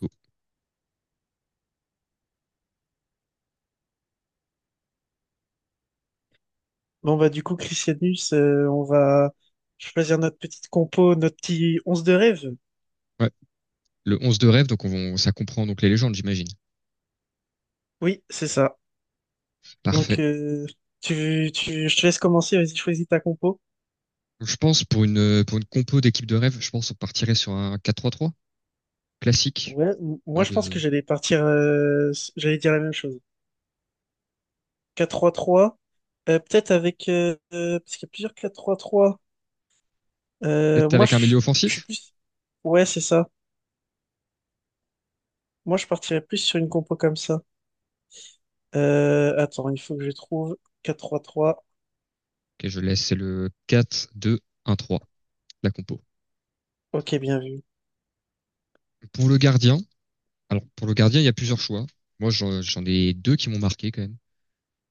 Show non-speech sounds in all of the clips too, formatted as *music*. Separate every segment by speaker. Speaker 1: Cool.
Speaker 2: Bon, bah, du coup, Christianus, on va choisir notre petite compo, notre petit 11 de rêve.
Speaker 1: Ouais. Le 11 de rêve, ça comprend donc les légendes, j'imagine.
Speaker 2: Oui, c'est ça. Donc,
Speaker 1: Parfait.
Speaker 2: tu, je te laisse commencer, vas-y, choisis ta compo.
Speaker 1: Donc, je pense pour une compo d'équipe de rêve, je pense on partirait sur un 4-3-3 classique,
Speaker 2: Ouais,
Speaker 1: pas
Speaker 2: moi, je pense que
Speaker 1: de
Speaker 2: j'allais partir, j'allais dire la même chose. 4-3-3, peut-être avec, parce qu'il y a plusieurs quatre trois trois.
Speaker 1: peut-être
Speaker 2: Moi,
Speaker 1: avec un
Speaker 2: je,
Speaker 1: milieu
Speaker 2: je suis
Speaker 1: offensif.
Speaker 2: plus, ouais, c'est ça. Moi, je partirais plus sur une compo comme ça. Attends, il faut que je trouve 4-3-3.
Speaker 1: Ok, je laisse c'est le 4-2-1-3 la compo.
Speaker 2: Ok, bien vu.
Speaker 1: Pour le gardien, alors pour le gardien, il y a plusieurs choix. Moi, j'en ai deux qui m'ont marqué quand même.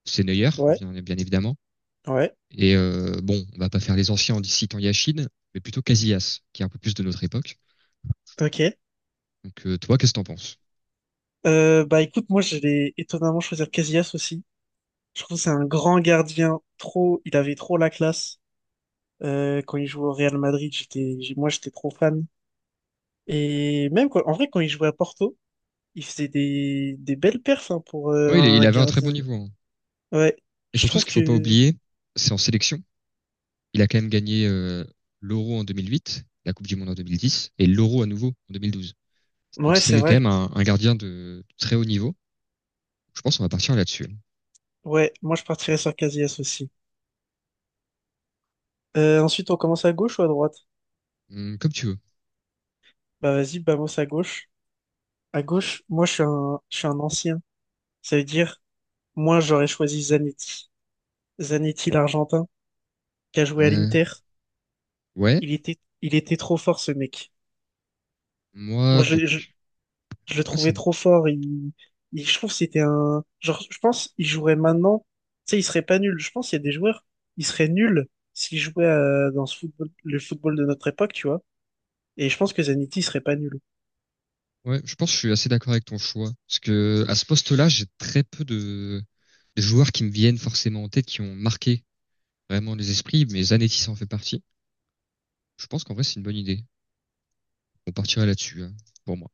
Speaker 1: C'est Neuer,
Speaker 2: Ouais,
Speaker 1: bien bien évidemment.
Speaker 2: ouais,
Speaker 1: Et bon, on va pas faire les anciens en citant Yachine, mais plutôt Casillas, qui est un peu plus de notre époque.
Speaker 2: ok.
Speaker 1: Donc toi, qu'est-ce que t'en penses?
Speaker 2: Bah écoute, moi je vais étonnamment choisir Casillas aussi. Je trouve que c'est un grand gardien, trop, il avait trop la classe. Quand il jouait au Real Madrid, j'étais, moi j'étais trop fan. Et même en vrai, quand il jouait à Porto, il faisait des belles perfs hein, pour
Speaker 1: Oui, il
Speaker 2: un
Speaker 1: avait un très bon
Speaker 2: gardien.
Speaker 1: niveau, hein.
Speaker 2: Ouais,
Speaker 1: Et
Speaker 2: je
Speaker 1: surtout, ce
Speaker 2: trouve
Speaker 1: qu'il faut pas
Speaker 2: que,
Speaker 1: oublier, c'est en sélection. Il a quand même gagné l'Euro en 2008, la Coupe du Monde en 2010 et l'Euro à nouveau en 2012. Donc
Speaker 2: ouais, c'est
Speaker 1: c'est quand
Speaker 2: vrai.
Speaker 1: même un gardien très haut niveau. Je pense qu'on va partir là-dessus.
Speaker 2: Ouais, moi je partirais sur Casillas aussi. Ensuite, on commence à gauche ou à droite?
Speaker 1: Comme tu veux.
Speaker 2: Bah vas-y, Bamos à gauche. À gauche, moi je suis un ancien. Ça veut dire, moi j'aurais choisi Zanetti. Zanetti, l'Argentin, qui a joué à
Speaker 1: Euh,
Speaker 2: l'Inter.
Speaker 1: ouais,
Speaker 2: Il était trop fort, ce mec.
Speaker 1: moi
Speaker 2: Moi, je,
Speaker 1: donc
Speaker 2: je, je le
Speaker 1: ouais, ça
Speaker 2: trouvais trop fort. Je trouve que c'était un. Genre, je pense il jouerait maintenant. Tu sais, il serait pas nul. Je pense qu'il y a des joueurs, ils seraient nuls s'ils jouaient dans ce football, le football de notre époque, tu vois. Et je pense que Zanetti serait pas nul.
Speaker 1: ouais, je pense que je suis assez d'accord avec ton choix parce que à ce poste-là, j'ai très peu de joueurs qui me viennent forcément en tête qui ont marqué vraiment les esprits, mais Zanetti en fait partie. Je pense qu'en vrai c'est une bonne idée. On partirait là-dessus, hein, pour moi.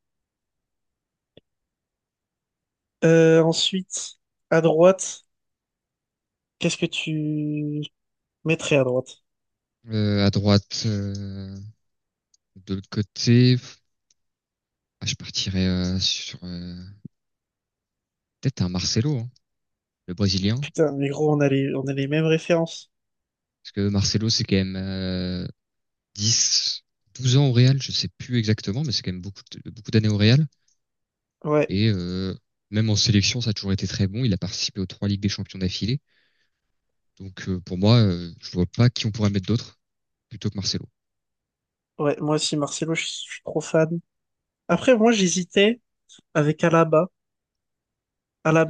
Speaker 2: Ensuite, à droite, qu'est-ce que tu mettrais à droite?
Speaker 1: À droite, de l'autre côté, je partirais sur peut-être un Marcelo, hein, le Brésilien. Parce
Speaker 2: Putain, mais gros, on a les mêmes références.
Speaker 1: que Marcelo, c'est quand même 10, 12 ans au Real, je sais plus exactement, mais c'est quand même beaucoup d'années au Real.
Speaker 2: Ouais,
Speaker 1: Et même en sélection, ça a toujours été très bon. Il a participé aux trois Ligues des Champions d'affilée. Donc pour moi, je vois pas qui on pourrait mettre d'autre plutôt que Marcelo.
Speaker 2: ouais, moi aussi, Marcelo, je suis trop fan. Après, moi, j'hésitais avec Alaba.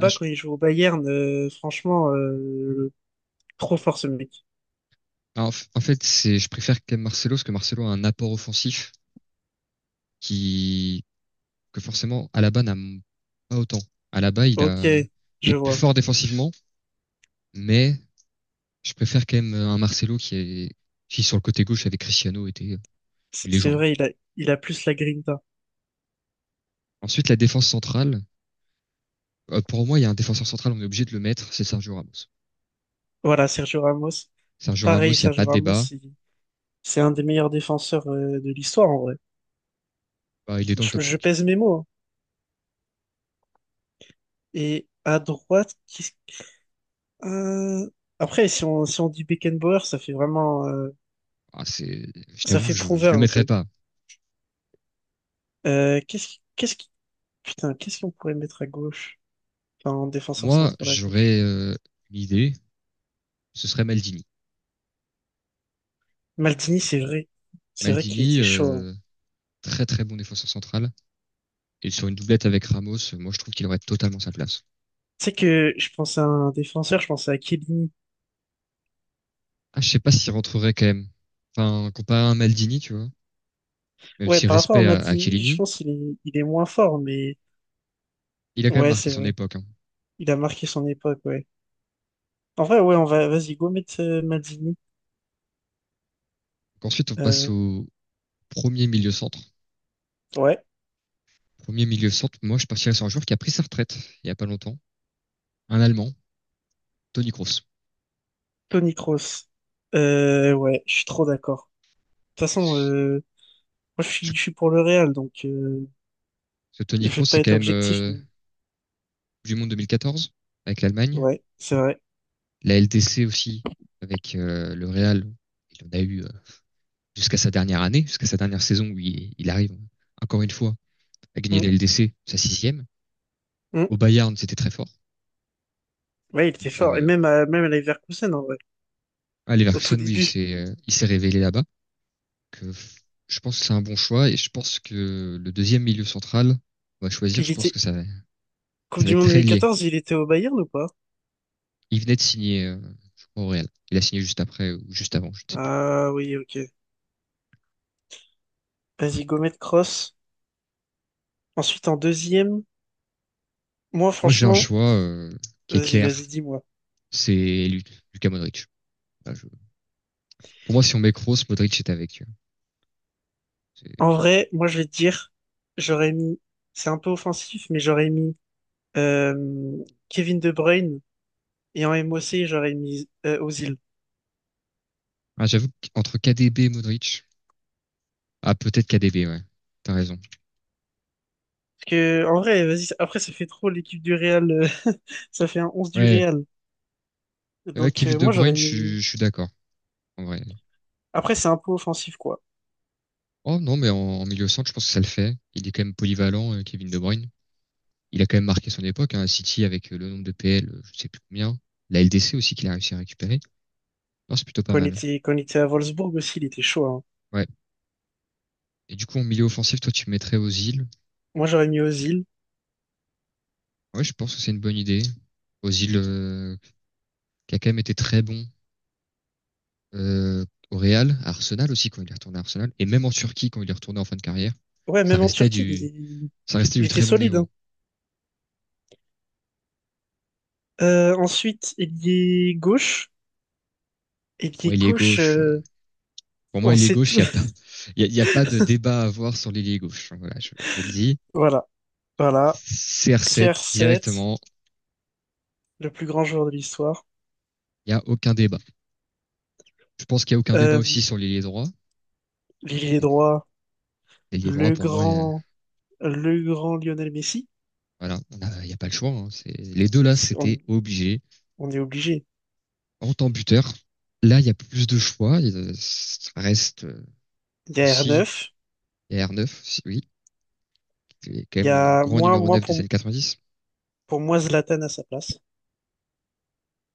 Speaker 1: Ah, je-
Speaker 2: quand il joue au Bayern, franchement, trop fort ce mec.
Speaker 1: en fait, c'est, je préfère quand même Marcelo parce que Marcelo a un apport offensif qui que forcément Alaba n'a pas autant. Alaba,
Speaker 2: Ok,
Speaker 1: il est
Speaker 2: je
Speaker 1: plus
Speaker 2: vois.
Speaker 1: fort défensivement, mais je préfère quand même un Marcelo qui sur le côté gauche avec Cristiano était une
Speaker 2: C'est
Speaker 1: légende.
Speaker 2: vrai, il a plus la grinta.
Speaker 1: Ensuite, la défense centrale. Pour moi, il y a un défenseur central, on est obligé de le mettre, c'est Sergio Ramos.
Speaker 2: Voilà, Sergio Ramos.
Speaker 1: Sergio Ramos,
Speaker 2: Pareil,
Speaker 1: il n'y a
Speaker 2: Sergio
Speaker 1: pas de
Speaker 2: Ramos,
Speaker 1: débat.
Speaker 2: c'est un des meilleurs défenseurs de l'histoire, en vrai.
Speaker 1: Bah, il est dans le
Speaker 2: Je,
Speaker 1: top
Speaker 2: je
Speaker 1: cinq.
Speaker 2: pèse mes mots, hein. Et à droite, euh, si on, dit Beckenbauer, ça fait vraiment,
Speaker 1: Ah, c'est, je
Speaker 2: ça
Speaker 1: t'avoue,
Speaker 2: fait
Speaker 1: je le
Speaker 2: prouveur un
Speaker 1: mettrais
Speaker 2: peu.
Speaker 1: pas.
Speaker 2: Euh, qu'est-ce qui- qu'est-ce qui... Putain, qu'est-ce qu'on pourrait mettre à gauche? Enfin, en défenseur
Speaker 1: Moi,
Speaker 2: central à gauche.
Speaker 1: j'aurais une idée, ce serait Maldini.
Speaker 2: Maldini, c'est vrai. C'est vrai qu'il
Speaker 1: Maldini,
Speaker 2: était chaud, hein.
Speaker 1: très très bon défenseur central. Et sur une doublette avec Ramos, moi je trouve qu'il aurait totalement sa place.
Speaker 2: Tu sais que je pense à un défenseur, je pense à Chiellini.
Speaker 1: Ah, je sais pas s'il rentrerait quand même. Enfin, comparé à un Maldini, tu vois, même
Speaker 2: Ouais,
Speaker 1: si
Speaker 2: par rapport à
Speaker 1: respect à
Speaker 2: Maldini, je
Speaker 1: Chiellini,
Speaker 2: pense qu'il est moins fort, mais
Speaker 1: il a quand même
Speaker 2: ouais,
Speaker 1: marqué
Speaker 2: c'est
Speaker 1: son
Speaker 2: vrai.
Speaker 1: époque, hein.
Speaker 2: Il a marqué son époque, ouais. En vrai, ouais, on va, vas-y, go mettre Maldini.
Speaker 1: Donc ensuite, on passe
Speaker 2: Euh,
Speaker 1: au premier milieu centre.
Speaker 2: ouais.
Speaker 1: Premier milieu centre, moi, je partirais sur un joueur qui a pris sa retraite il y a pas longtemps, un Allemand, Toni Kroos.
Speaker 2: Toni Kroos. Ouais, je suis trop d'accord. De toute façon, moi,
Speaker 1: Je-
Speaker 2: je suis pour le Real, donc
Speaker 1: Ce Toni
Speaker 2: je vais
Speaker 1: Kroos, c'est
Speaker 2: pas
Speaker 1: quand
Speaker 2: être
Speaker 1: même
Speaker 2: objectif, mais
Speaker 1: du monde 2014 avec l'Allemagne,
Speaker 2: ouais, c'est vrai.
Speaker 1: la LDC aussi avec le Real. Il en a eu jusqu'à sa dernière année, jusqu'à sa dernière saison où il arrive encore une fois à gagner
Speaker 2: Mm,
Speaker 1: la LDC, sa sixième.
Speaker 2: mm.
Speaker 1: Au Bayern, c'était très fort.
Speaker 2: Ouais, il était
Speaker 1: Donc,
Speaker 2: fort. Et même à Leverkusen, en vrai, au tout
Speaker 1: Leverkusen, oui,
Speaker 2: début.
Speaker 1: c'est, il s'est révélé là-bas. Donc, je pense que c'est un bon choix et je pense que le deuxième milieu central, on va choisir,
Speaker 2: Il
Speaker 1: je pense
Speaker 2: était,
Speaker 1: que
Speaker 2: Coupe
Speaker 1: ça va
Speaker 2: du
Speaker 1: être
Speaker 2: Monde deux
Speaker 1: très
Speaker 2: mille
Speaker 1: lié.
Speaker 2: quatorze, il était au Bayern ou pas?
Speaker 1: Il venait de signer, je crois, au Real. Il a signé juste après ou juste avant, je ne sais plus.
Speaker 2: Ah oui, ok. Vas-y, Gomet Cross. Ensuite, en deuxième, moi,
Speaker 1: Moi, j'ai un
Speaker 2: franchement,
Speaker 1: choix qui est
Speaker 2: vas-y,
Speaker 1: clair,
Speaker 2: vas-y, dis-moi.
Speaker 1: c'est Lucas Modric. Là, je- Pour moi, si on met Kroos, Modric est avec. C'est-
Speaker 2: En vrai, moi, je vais te dire, j'aurais mis, c'est un peu offensif, mais j'aurais mis euh, Kevin De Bruyne et en MOC j'aurais mis Ozil.
Speaker 1: Ah, j'avoue qu'entre KDB et Modric, ah peut-être KDB, ouais. T'as raison.
Speaker 2: Parce que, en vrai, vas-y, après, ça fait trop l'équipe du Real, *laughs* ça fait un 11 du
Speaker 1: Ouais,
Speaker 2: Real. Donc,
Speaker 1: Kevin De
Speaker 2: moi,
Speaker 1: Bruyne,
Speaker 2: j'aurais mis.
Speaker 1: je suis d'accord. En vrai,
Speaker 2: Après, c'est un peu offensif, quoi.
Speaker 1: oh non, mais en milieu centre, je pense que ça le fait. Il est quand même polyvalent, Kevin De Bruyne. Il a quand même marqué son époque, hein, à City avec le nombre de PL, je sais plus combien. La LDC aussi qu'il a réussi à récupérer. Non, c'est plutôt pas
Speaker 2: Quand il
Speaker 1: mal.
Speaker 2: était, quand il était à Wolfsburg aussi, il était chaud, hein.
Speaker 1: Ouais. Et du coup, en milieu offensif, toi, tu mettrais Ozil.
Speaker 2: Moi, j'aurais mis Ozil.
Speaker 1: Ouais, je pense que c'est une bonne idée. Ozil, qui a quand même été très bon euh, au Real, à Arsenal aussi quand il est retourné à Arsenal, et même en Turquie quand il est retourné en fin de carrière,
Speaker 2: Ouais,
Speaker 1: ça
Speaker 2: même en
Speaker 1: restait
Speaker 2: Turquie, il
Speaker 1: du,
Speaker 2: était,
Speaker 1: ça restait
Speaker 2: il
Speaker 1: du
Speaker 2: était
Speaker 1: très bon
Speaker 2: solide,
Speaker 1: niveau.
Speaker 2: hein. Ensuite, ailier gauche.
Speaker 1: Bon,
Speaker 2: Ailier
Speaker 1: il est
Speaker 2: gauche,
Speaker 1: gauche, pour moi,
Speaker 2: on
Speaker 1: ailier
Speaker 2: sait
Speaker 1: gauche,
Speaker 2: tout.
Speaker 1: il n'y a
Speaker 2: *laughs*
Speaker 1: pas, il y a, y a pas de débat à avoir sur l'ailier gauche. Voilà, je le dis.
Speaker 2: Voilà, voilà.
Speaker 1: CR7
Speaker 2: CR7,
Speaker 1: directement,
Speaker 2: le plus grand joueur de l'histoire.
Speaker 1: il n'y a aucun débat. Je pense qu'il n'y a aucun débat
Speaker 2: Euh,
Speaker 1: aussi sur l'ailier droit.
Speaker 2: L'ailier droit,
Speaker 1: L'ailier droit,
Speaker 2: le
Speaker 1: pour moi,
Speaker 2: grand, le grand Lionel Messi.
Speaker 1: voilà, il n'y a pas le choix, hein. Les deux là,
Speaker 2: C'est-
Speaker 1: c'était
Speaker 2: On,
Speaker 1: obligé.
Speaker 2: on est obligé.
Speaker 1: En tant buteur, là, il y a plus de choix. Il reste
Speaker 2: Il y a
Speaker 1: aussi
Speaker 2: R9.
Speaker 1: R9, oui, qui est quand
Speaker 2: Il y
Speaker 1: même le
Speaker 2: a
Speaker 1: grand numéro 9 des années 90.
Speaker 2: pour moi Zlatan à sa place.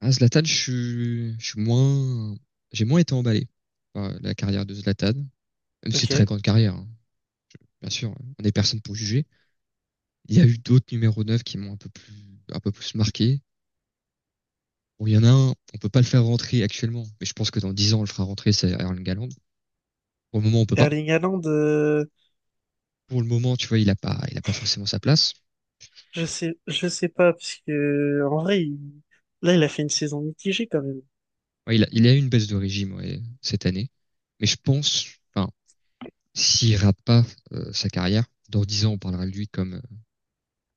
Speaker 1: Ah, Zlatan, j'ai moins été emballé par la carrière de Zlatan. Même ses très
Speaker 2: Ok.
Speaker 1: grande carrière, hein, bien sûr, on n'est personne pour juger. Il y a eu d'autres numéros 9 qui m'ont un peu plus marqué. Bon, il y en a un, on peut pas le faire rentrer actuellement, mais je pense que dans 10 ans, on le fera rentrer, c'est Erling Galland. Pour le moment, on peut pas.
Speaker 2: Erling Haaland,
Speaker 1: Pour le moment, tu vois, il a pas forcément sa place.
Speaker 2: je sais pas parce que en vrai, là, il a fait une saison mitigée quand même.
Speaker 1: Ouais, il a eu une baisse de régime, ouais, cette année. Mais je pense, enfin, s'il rate pas sa carrière, dans 10 ans, on parlera de lui comme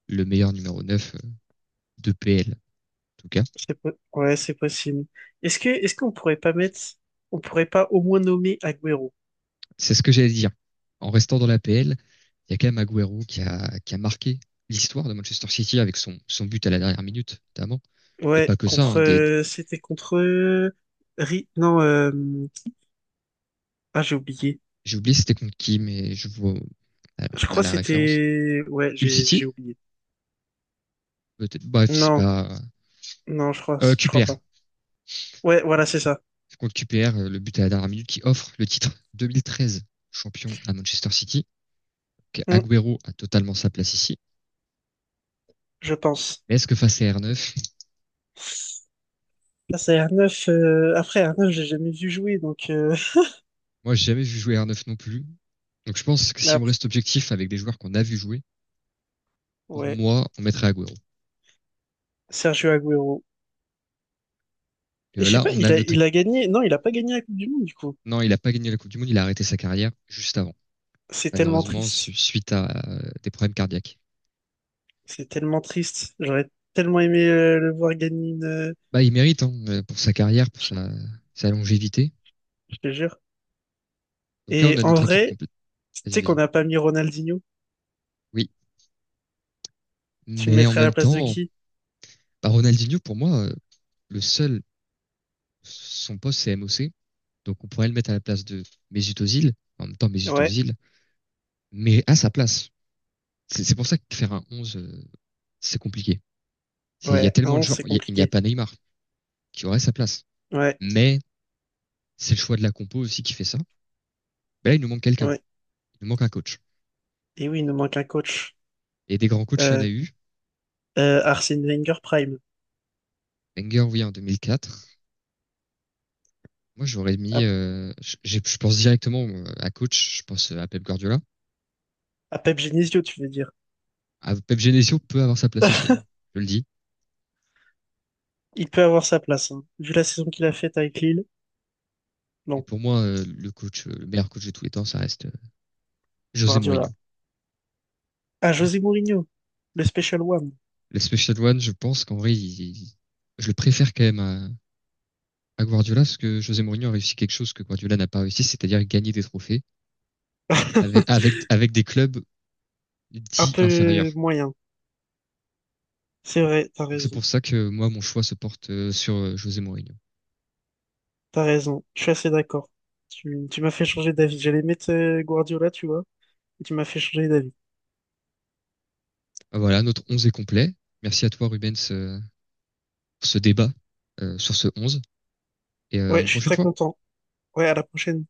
Speaker 1: le meilleur numéro 9 de PL, en tout cas.
Speaker 2: Ouais, c'est possible. Est-ce qu'on pourrait pas au moins nommer Agüero?
Speaker 1: C'est ce que j'allais dire. En restant dans la l'APL, il y a quand même Agüero qui a marqué l'histoire de Manchester City avec son but à la dernière minute, notamment. Mais
Speaker 2: Ouais,
Speaker 1: pas que ça,
Speaker 2: contre
Speaker 1: hein.
Speaker 2: c'était contre non, ah j'ai oublié.
Speaker 1: J'ai oublié si c'était contre qui, mais je vois. Alors,
Speaker 2: Je
Speaker 1: on a
Speaker 2: crois que
Speaker 1: la référence.
Speaker 2: c'était, ouais,
Speaker 1: Hull
Speaker 2: j'ai
Speaker 1: City?
Speaker 2: oublié.
Speaker 1: Peut-être. Bref, c'est
Speaker 2: Non,
Speaker 1: pas.
Speaker 2: non, je crois je crois
Speaker 1: QPR.
Speaker 2: pas. Ouais, voilà, c'est ça.
Speaker 1: C'est Contre QPR, le but à la dernière minute qui offre le titre 2013 champion à Manchester City. Donc,
Speaker 2: Hmm,
Speaker 1: Agüero a totalement sa place ici.
Speaker 2: je pense.
Speaker 1: Mais est-ce que face à R9?
Speaker 2: Là, c'est un neuf après un neuf, j'ai jamais vu jouer donc
Speaker 1: Moi j'ai jamais vu jouer R9 non plus. Donc je pense que
Speaker 2: *laughs* mais
Speaker 1: si on
Speaker 2: après,
Speaker 1: reste objectif avec des joueurs qu'on a vu jouer, pour
Speaker 2: ouais,
Speaker 1: moi, on mettrait Agüero.
Speaker 2: Sergio Agüero. Et je sais
Speaker 1: Là,
Speaker 2: pas,
Speaker 1: on
Speaker 2: il
Speaker 1: a
Speaker 2: a
Speaker 1: notre.
Speaker 2: il a gagné. Non, il a pas gagné la Coupe du Monde du coup.
Speaker 1: Non, il n'a pas gagné la Coupe du Monde, il a arrêté sa carrière juste avant,
Speaker 2: C'est tellement
Speaker 1: malheureusement,
Speaker 2: triste.
Speaker 1: suite à des problèmes cardiaques.
Speaker 2: C'est tellement triste. J'aurais tellement aimé le voir gagner une,
Speaker 1: Bah, il mérite, hein, pour sa carrière, pour sa longévité.
Speaker 2: je te jure.
Speaker 1: Donc là, on
Speaker 2: Et
Speaker 1: a
Speaker 2: en
Speaker 1: notre équipe
Speaker 2: vrai,
Speaker 1: complète.
Speaker 2: tu
Speaker 1: Vas-y,
Speaker 2: sais qu'on
Speaker 1: vas-y.
Speaker 2: n'a pas mis Ronaldinho.
Speaker 1: Oui,
Speaker 2: Tu le
Speaker 1: mais en
Speaker 2: mettrais à la
Speaker 1: même
Speaker 2: place de
Speaker 1: temps,
Speaker 2: qui?
Speaker 1: bah, Ronaldinho, pour moi, le seul, son poste, c'est MOC. Donc on pourrait le mettre à la place de Mesut Özil. En même temps, Mesut
Speaker 2: Ouais,
Speaker 1: Özil mais à sa place. C'est pour ça que faire un 11, c'est compliqué. Il y a
Speaker 2: ouais, à
Speaker 1: tellement de
Speaker 2: 11,
Speaker 1: joueurs.
Speaker 2: c'est
Speaker 1: Il n'y a
Speaker 2: compliqué.
Speaker 1: pas Neymar qui aurait sa place.
Speaker 2: Ouais,
Speaker 1: Mais c'est le choix de la compo aussi qui fait ça. Mais là, il nous manque quelqu'un.
Speaker 2: ouais.
Speaker 1: Il nous manque un coach.
Speaker 2: Et oui, il nous manque un coach.
Speaker 1: Et des grands coachs, il y en a
Speaker 2: Euh,
Speaker 1: eu.
Speaker 2: Arsène Wenger Prime.
Speaker 1: Wenger, oui, en 2004. Moi, j'aurais mis,
Speaker 2: À,
Speaker 1: je pense directement à coach, je pense à Pep Guardiola.
Speaker 2: à Pep Genesio, tu veux dire.
Speaker 1: À Pep Genesio peut avoir sa place ici, hein.
Speaker 2: *laughs*
Speaker 1: Je le dis.
Speaker 2: Il peut avoir sa place, hein. Vu la saison qu'il a faite avec Lille.
Speaker 1: Et
Speaker 2: Non,
Speaker 1: pour moi, le coach, le meilleur coach de tous les temps, ça reste José
Speaker 2: Guardiola.
Speaker 1: Mourinho.
Speaker 2: À José Mourinho, le Special One.
Speaker 1: Le Special One, je pense qu'en vrai, je le préfère quand même à Guardiola, parce que José Mourinho a réussi quelque chose que Guardiola n'a pas réussi, c'est-à-dire gagner des trophées
Speaker 2: *laughs*
Speaker 1: avec des clubs
Speaker 2: Un
Speaker 1: dits
Speaker 2: peu
Speaker 1: inférieurs.
Speaker 2: moyen. C'est vrai, t'as
Speaker 1: Donc c'est
Speaker 2: raison.
Speaker 1: pour ça que moi, mon choix se porte sur José Mourinho.
Speaker 2: T'as raison, je suis assez d'accord. Tu m'as fait changer d'avis. J'allais mettre Guardiola, tu vois, et tu m'as fait changer d'avis.
Speaker 1: Ah, voilà, notre 11 est complet. Merci à toi, Rubens, pour ce débat sur ce 11 et à
Speaker 2: Ouais,
Speaker 1: une
Speaker 2: je suis
Speaker 1: prochaine
Speaker 2: très
Speaker 1: fois.
Speaker 2: content. Ouais, à la prochaine.